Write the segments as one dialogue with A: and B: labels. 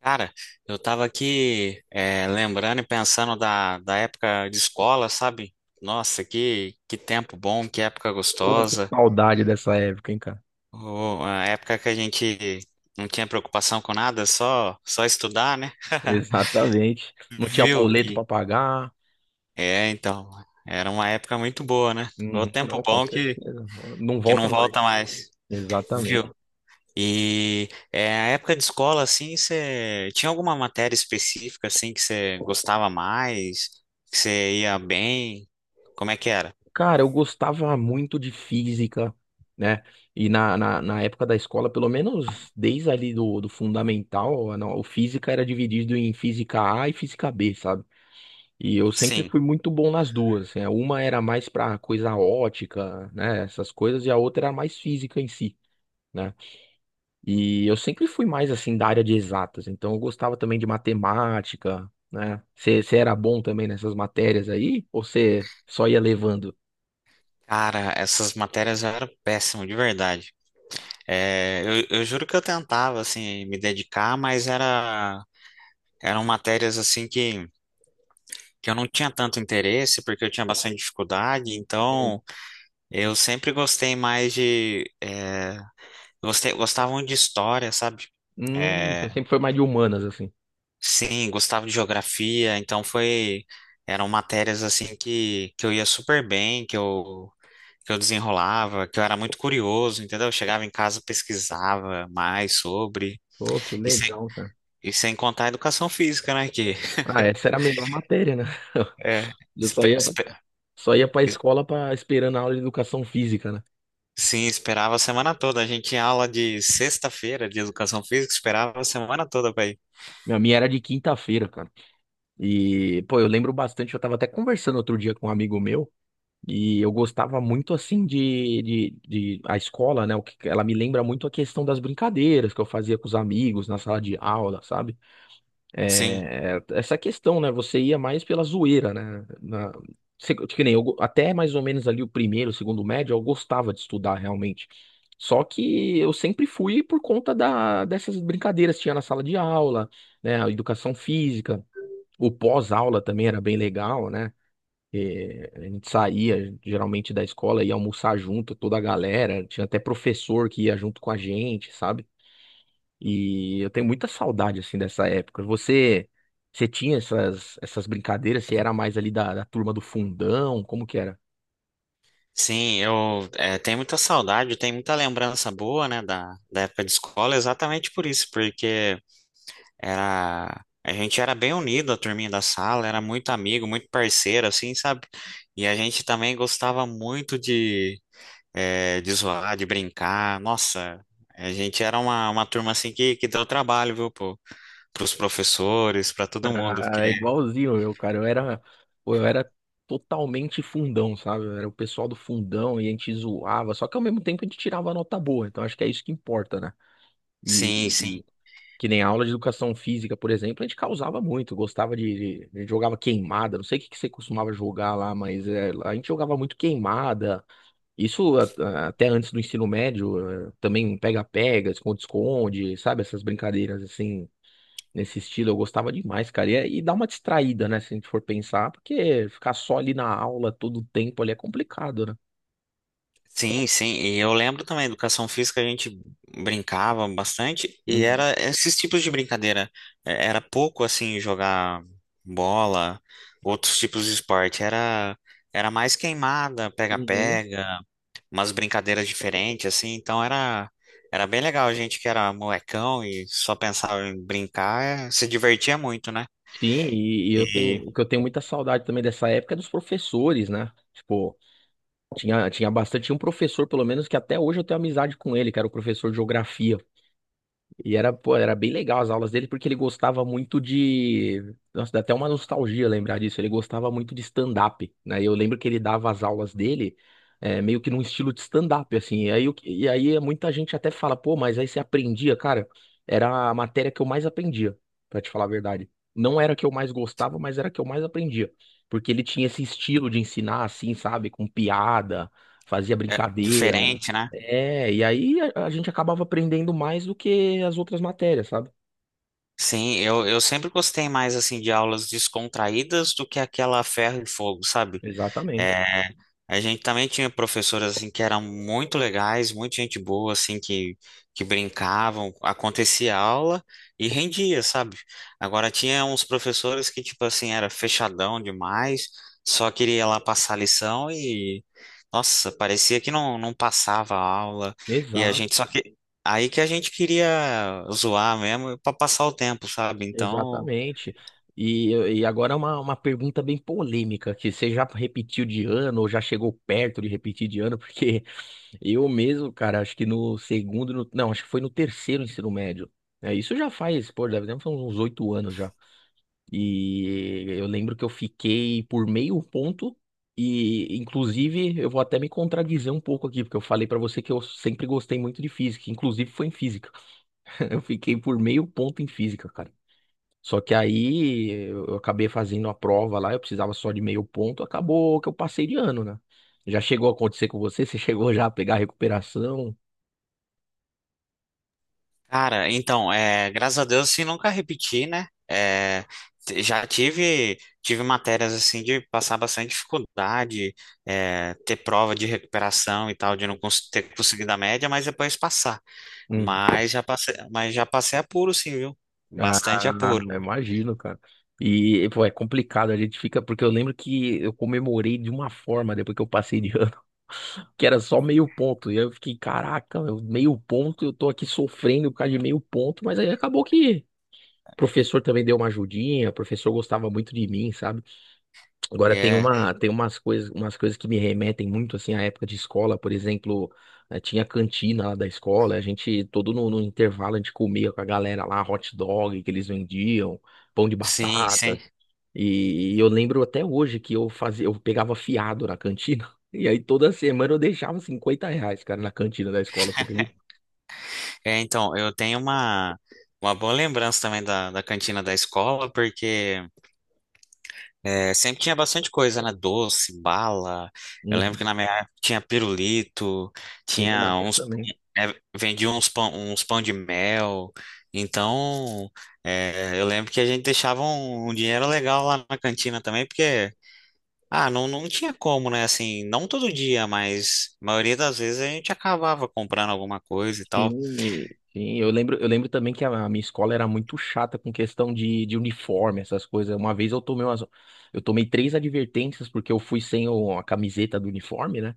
A: Cara, eu tava aqui lembrando e pensando da época de escola, sabe? Nossa, que tempo bom, que época
B: Pô, que
A: gostosa.
B: saudade dessa época, hein, cara?
A: Oh, a época que a gente não tinha preocupação com nada, só estudar, né?
B: Exatamente. Não tinha
A: Viu?
B: boleto
A: E,
B: pra pagar.
A: é, então, era uma época muito boa, né? O
B: Uhum,
A: tempo
B: não, com
A: bom
B: certeza. Não
A: que não
B: volta mais.
A: volta mais.
B: Exatamente.
A: A época de escola, assim, você tinha alguma matéria específica, assim, que você gostava mais, que você ia bem? Como é que era?
B: Cara, eu gostava muito de física, né? E na época da escola, pelo menos desde ali do fundamental, a- não, o física era dividido em física A e física B, sabe? E eu sempre
A: Sim,
B: fui muito bom nas duas. Assim, né? Uma era mais pra coisa ótica, né? Essas coisas, e a outra era mais física em si. Né? E eu sempre fui mais assim da área de exatas, então eu gostava também de matemática, né? Você era bom também nessas matérias aí? Ou você só ia levando?
A: cara, essas matérias eu era péssimo, de verdade. É, eu juro que eu tentava, assim, me dedicar, eram matérias, assim, que eu não tinha tanto interesse, porque eu tinha bastante dificuldade,
B: Hum.
A: então eu sempre gostei mais de... É, gostavam de história, sabe?
B: Você
A: Eh,
B: sempre foi mais de humanas, assim.
A: Sim, gostava de geografia, então eram matérias assim que eu ia super bem, que eu desenrolava, que eu era muito curioso, entendeu? Eu chegava em casa, pesquisava mais sobre,
B: Pô, que
A: e sem,
B: legal, cara.
A: e sem contar a educação física, né? Que
B: Ah, essa era a melhor matéria, né?
A: é,
B: Eu só
A: espe-
B: ia,
A: espe-
B: só ia pra
A: es-
B: escola pra, esperando a aula de educação física, né?
A: sim, esperava a semana toda. A gente tinha aula de sexta-feira de educação física, esperava a semana toda para ir.
B: A minha era de quinta-feira, cara. E, pô, eu lembro bastante, eu tava até conversando outro dia com um amigo meu. E eu gostava muito assim de a escola, né? O que ela me lembra muito a questão das brincadeiras que eu fazia com os amigos na sala de aula, sabe?
A: Sim.
B: É, essa questão, né? Você ia mais pela zoeira, né? Na, que nem eu, até mais ou menos ali o primeiro, o segundo médio, eu gostava de estudar realmente. Só que eu sempre fui por conta dessas brincadeiras que tinha na sala de aula, né? A educação física, o pós-aula também era bem legal, né? É, a gente saía geralmente da escola, ia almoçar junto, toda a galera. Tinha até professor que ia junto com a gente, sabe? E eu tenho muita saudade, assim, dessa época. Você tinha essas brincadeiras? Você era mais ali da turma do fundão? Como que era?
A: Sim, eu tenho muita saudade, tenho muita lembrança boa, né, da época de escola, exatamente por isso, porque era, a gente era bem unido, a turminha da sala, era muito amigo, muito parceiro, assim, sabe? E a gente também gostava muito de, de zoar, de brincar, nossa, a gente era uma turma, assim, que deu trabalho, viu, pros professores, pra todo mundo, porque,
B: Ah, é igualzinho eu, cara. Eu era totalmente fundão, sabe? Eu era o pessoal do fundão e a gente zoava. Só que ao mesmo tempo a gente tirava nota boa. Então acho que é isso que importa, né? E,
A: sim, sim,
B: que nem a aula de educação física, por exemplo, a gente causava muito, gostava a gente jogava queimada, não sei o que que você costumava jogar lá, mas é, a gente jogava muito queimada. Até antes do ensino médio, é, também pega-pega, esconde-esconde, sabe? Essas brincadeiras assim, nesse estilo, eu gostava demais, cara. E, e dá uma distraída, né, se a gente for pensar, porque ficar só ali na aula todo o tempo ali é complicado, né?
A: Sim, sim, e eu lembro também, educação física a gente brincava bastante e
B: Uhum.
A: era esses tipos de brincadeira. É, era pouco assim jogar bola, outros tipos de esporte, era mais queimada,
B: Uhum.
A: pega-pega, umas brincadeiras diferentes assim, então era bem legal, a gente que era molecão e só pensava em brincar, se divertia muito, né?
B: Sim, e eu tenho,
A: E
B: o que eu tenho muita saudade também dessa época é dos professores, né? Tipo, tinha bastante, tinha um professor, pelo menos, que até hoje eu tenho amizade com ele, que era o professor de geografia. E era, pô, era bem legal as aulas dele, porque ele gostava muito de. Nossa, dá até uma nostalgia lembrar disso. Ele gostava muito de stand-up, né? E eu lembro que ele dava as aulas dele meio que num estilo de stand-up, assim. E aí, e aí muita gente até fala, pô, mas aí você aprendia, cara. Era a matéria que eu mais aprendia, pra te falar a verdade. Não era a que eu mais gostava, mas era a que eu mais aprendia. Porque ele tinha esse estilo de ensinar, assim, sabe? Com piada, fazia
A: é
B: brincadeira.
A: diferente, né?
B: É, e aí a gente acabava aprendendo mais do que as outras matérias, sabe?
A: Sim, eu sempre gostei mais assim de aulas descontraídas do que aquela ferro e fogo, sabe?
B: Exatamente.
A: É, a gente também tinha professoras assim que eram muito legais, muita gente boa assim que brincavam, acontecia aula e rendia, sabe? Agora tinha uns professores que tipo assim era fechadão demais, só queria lá passar lição e nossa, parecia que não passava a aula e a
B: Exato,
A: gente só que aí que a gente queria zoar mesmo para passar o tempo, sabe? Então
B: exatamente. E agora é uma pergunta bem polêmica, que você já repetiu de ano ou já chegou perto de repetir de ano, porque eu mesmo, cara, acho que no segundo, não, acho que foi no terceiro ensino médio. É, isso já faz, pô, deve ter uns 8 anos já. E eu lembro que eu fiquei por meio ponto. E, inclusive, eu vou até me contradizer um pouco aqui, porque eu falei pra você que eu sempre gostei muito de física. Inclusive, foi em física. Eu fiquei por meio ponto em física, cara. Só que aí eu acabei fazendo a prova lá, eu precisava só de meio ponto. Acabou que eu passei de ano, né? Já chegou a acontecer com você? Você chegou já a pegar a recuperação?
A: cara, então, é, graças a Deus, assim, nunca repeti, né? É, já tive, tive matérias, assim, de passar bastante dificuldade, é, ter prova de recuperação e tal, de não cons- ter conseguido a média, mas depois passar.
B: Hum.
A: Mas já passei apuro, sim, viu?
B: Ah,
A: Bastante apuro.
B: eu imagino, cara. E, pô, é complicado, a gente fica, porque eu lembro que eu comemorei de uma forma depois que eu passei de ano, que era só meio ponto. E aí eu fiquei, caraca, meu, meio ponto, eu tô aqui sofrendo por causa de meio ponto, mas aí acabou que o professor também deu uma ajudinha, o professor gostava muito de mim, sabe? Agora tem
A: É,
B: uma, tem umas coisas que me remetem muito assim à época de escola, por exemplo, tinha a cantina lá da escola, a gente todo no intervalo a gente comia com a galera lá hot dog que eles vendiam, pão de
A: sim, sim.
B: batata. E eu lembro até hoje que eu fazia, eu pegava fiado na cantina. E aí toda semana eu deixava R$ 50, cara, na cantina da escola, você acredita?
A: É, então, eu tenho uma boa lembrança também da cantina da escola, porque é, sempre tinha bastante coisa, né? Doce, bala. Eu lembro
B: Uhum.
A: que na minha época tinha pirulito,
B: Tinha na
A: tinha
B: minha
A: uns.
B: também.
A: É, vendia uns pão de mel. Então, é, eu lembro que a gente deixava um dinheiro legal lá na cantina também, porque. Ah, não, não tinha como, né? Assim, não todo dia, mas a maioria das vezes a gente acabava comprando alguma coisa e tal.
B: Sim, sim, eu lembro também que a minha escola era muito chata com questão de uniforme, essas coisas. Uma vez eu tomei umas, eu tomei 3 advertências porque eu fui sem a camiseta do uniforme, né?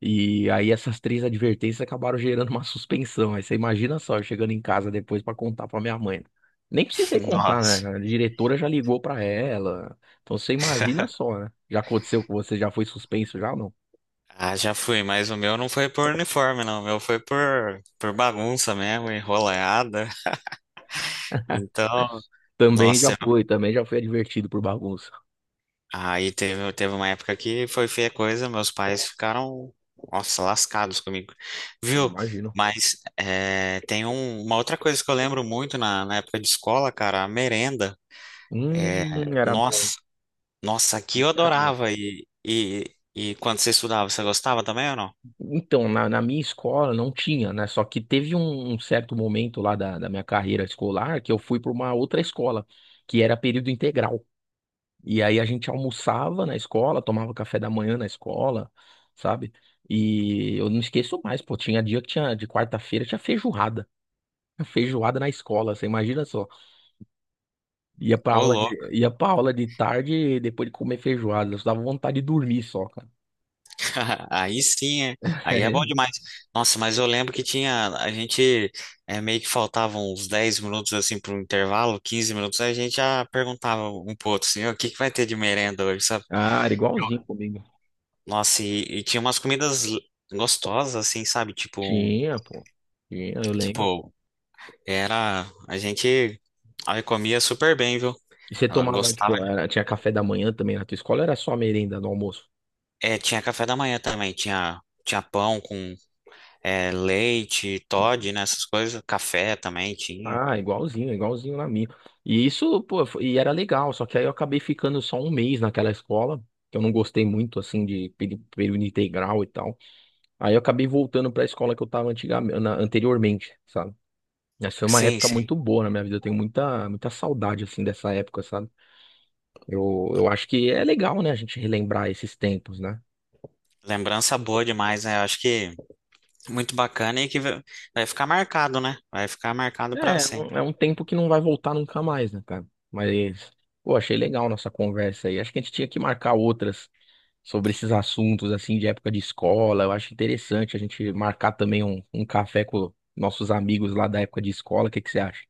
B: E aí essas 3 advertências acabaram gerando uma suspensão. Aí você imagina só, eu chegando em casa depois pra contar pra minha mãe. Nem precisei contar,
A: Nossa.
B: né? A diretora já ligou pra ela. Então você imagina só, né? Já aconteceu com você, já foi suspenso já ou não?
A: Ah, já fui, mas o meu não foi por uniforme, não. O meu foi por bagunça mesmo, enrolada. Então, nossa,
B: Também já foi advertido por bagunça.
A: teve uma época que foi feia coisa, meus pais ficaram, nossa, lascados comigo,
B: Eu
A: viu?
B: imagino.
A: Mas é, uma outra coisa que eu lembro muito na época de escola, cara, a merenda. É,
B: Hum, era bom. Hein?
A: nossa, nossa, aqui
B: Isso
A: eu
B: era bom.
A: adorava. E quando você estudava, você gostava também ou não?
B: Então, na minha escola não tinha, né? Só que teve um certo momento lá da minha carreira escolar que eu fui para uma outra escola, que era período integral. E aí a gente almoçava na escola, tomava café da manhã na escola, sabe? E eu não esqueço mais, pô, tinha dia que tinha, de quarta-feira, tinha feijoada. Feijoada na escola, você imagina só. Ia pra aula
A: Ô,
B: de, ia pra aula de tarde, depois de comer feijoada, eu dava vontade de dormir só, cara.
A: aí sim, é. Aí é bom demais. Nossa, mas eu lembro que tinha, a gente é, meio que faltavam uns 10 minutos assim para um intervalo, 15 minutos, aí a gente já perguntava um pro outro assim: "Ô, o que que vai ter de merenda hoje, sabe?
B: Ah, era igualzinho comigo.
A: Nossa, e tinha umas comidas gostosas assim, sabe?
B: Tinha, pô. Tinha, eu lembro.
A: Tipo, era, a gente aí comia super bem, viu?
B: E você
A: Ela
B: tomava,
A: gostava.
B: tipo,
A: De-
B: tinha café da manhã também na tua escola, ou era só a merenda no almoço?
A: É, tinha café da manhã também, tinha pão com é, leite, Toddy, né, essas coisas, café também tinha.
B: Ah, igualzinho, igualzinho na minha. E isso, pô, e era legal, só que aí eu acabei ficando só um mês naquela escola, que eu não gostei muito, assim, de período integral e tal. Aí eu acabei voltando pra escola que eu tava antigamente, anteriormente, sabe? Essa foi uma
A: Sim,
B: época
A: sim.
B: muito boa na minha vida, eu tenho muita, muita saudade, assim, dessa época, sabe? Eu acho que é legal, né, a gente relembrar esses tempos, né?
A: Lembrança boa demais, né? Eu acho que muito bacana e que vai ficar marcado, né? Vai ficar marcado para
B: É,
A: sempre.
B: é um tempo que não vai voltar nunca mais, né, cara? Mas, pô, achei legal nossa conversa aí. Acho que a gente tinha que marcar outras sobre esses assuntos, assim, de época de escola. Eu acho interessante a gente marcar também um café com nossos amigos lá da época de escola. O que que você acha?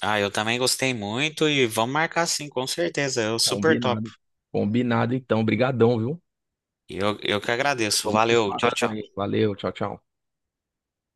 A: Ah, eu também gostei muito e vamos marcar sim, com certeza. Eu super top.
B: Combinado. Combinado, então. Brigadão, viu?
A: Eu que agradeço.
B: Vamos se
A: Valeu, tchau,
B: falando
A: tchau.
B: aí. Valeu, tchau, tchau.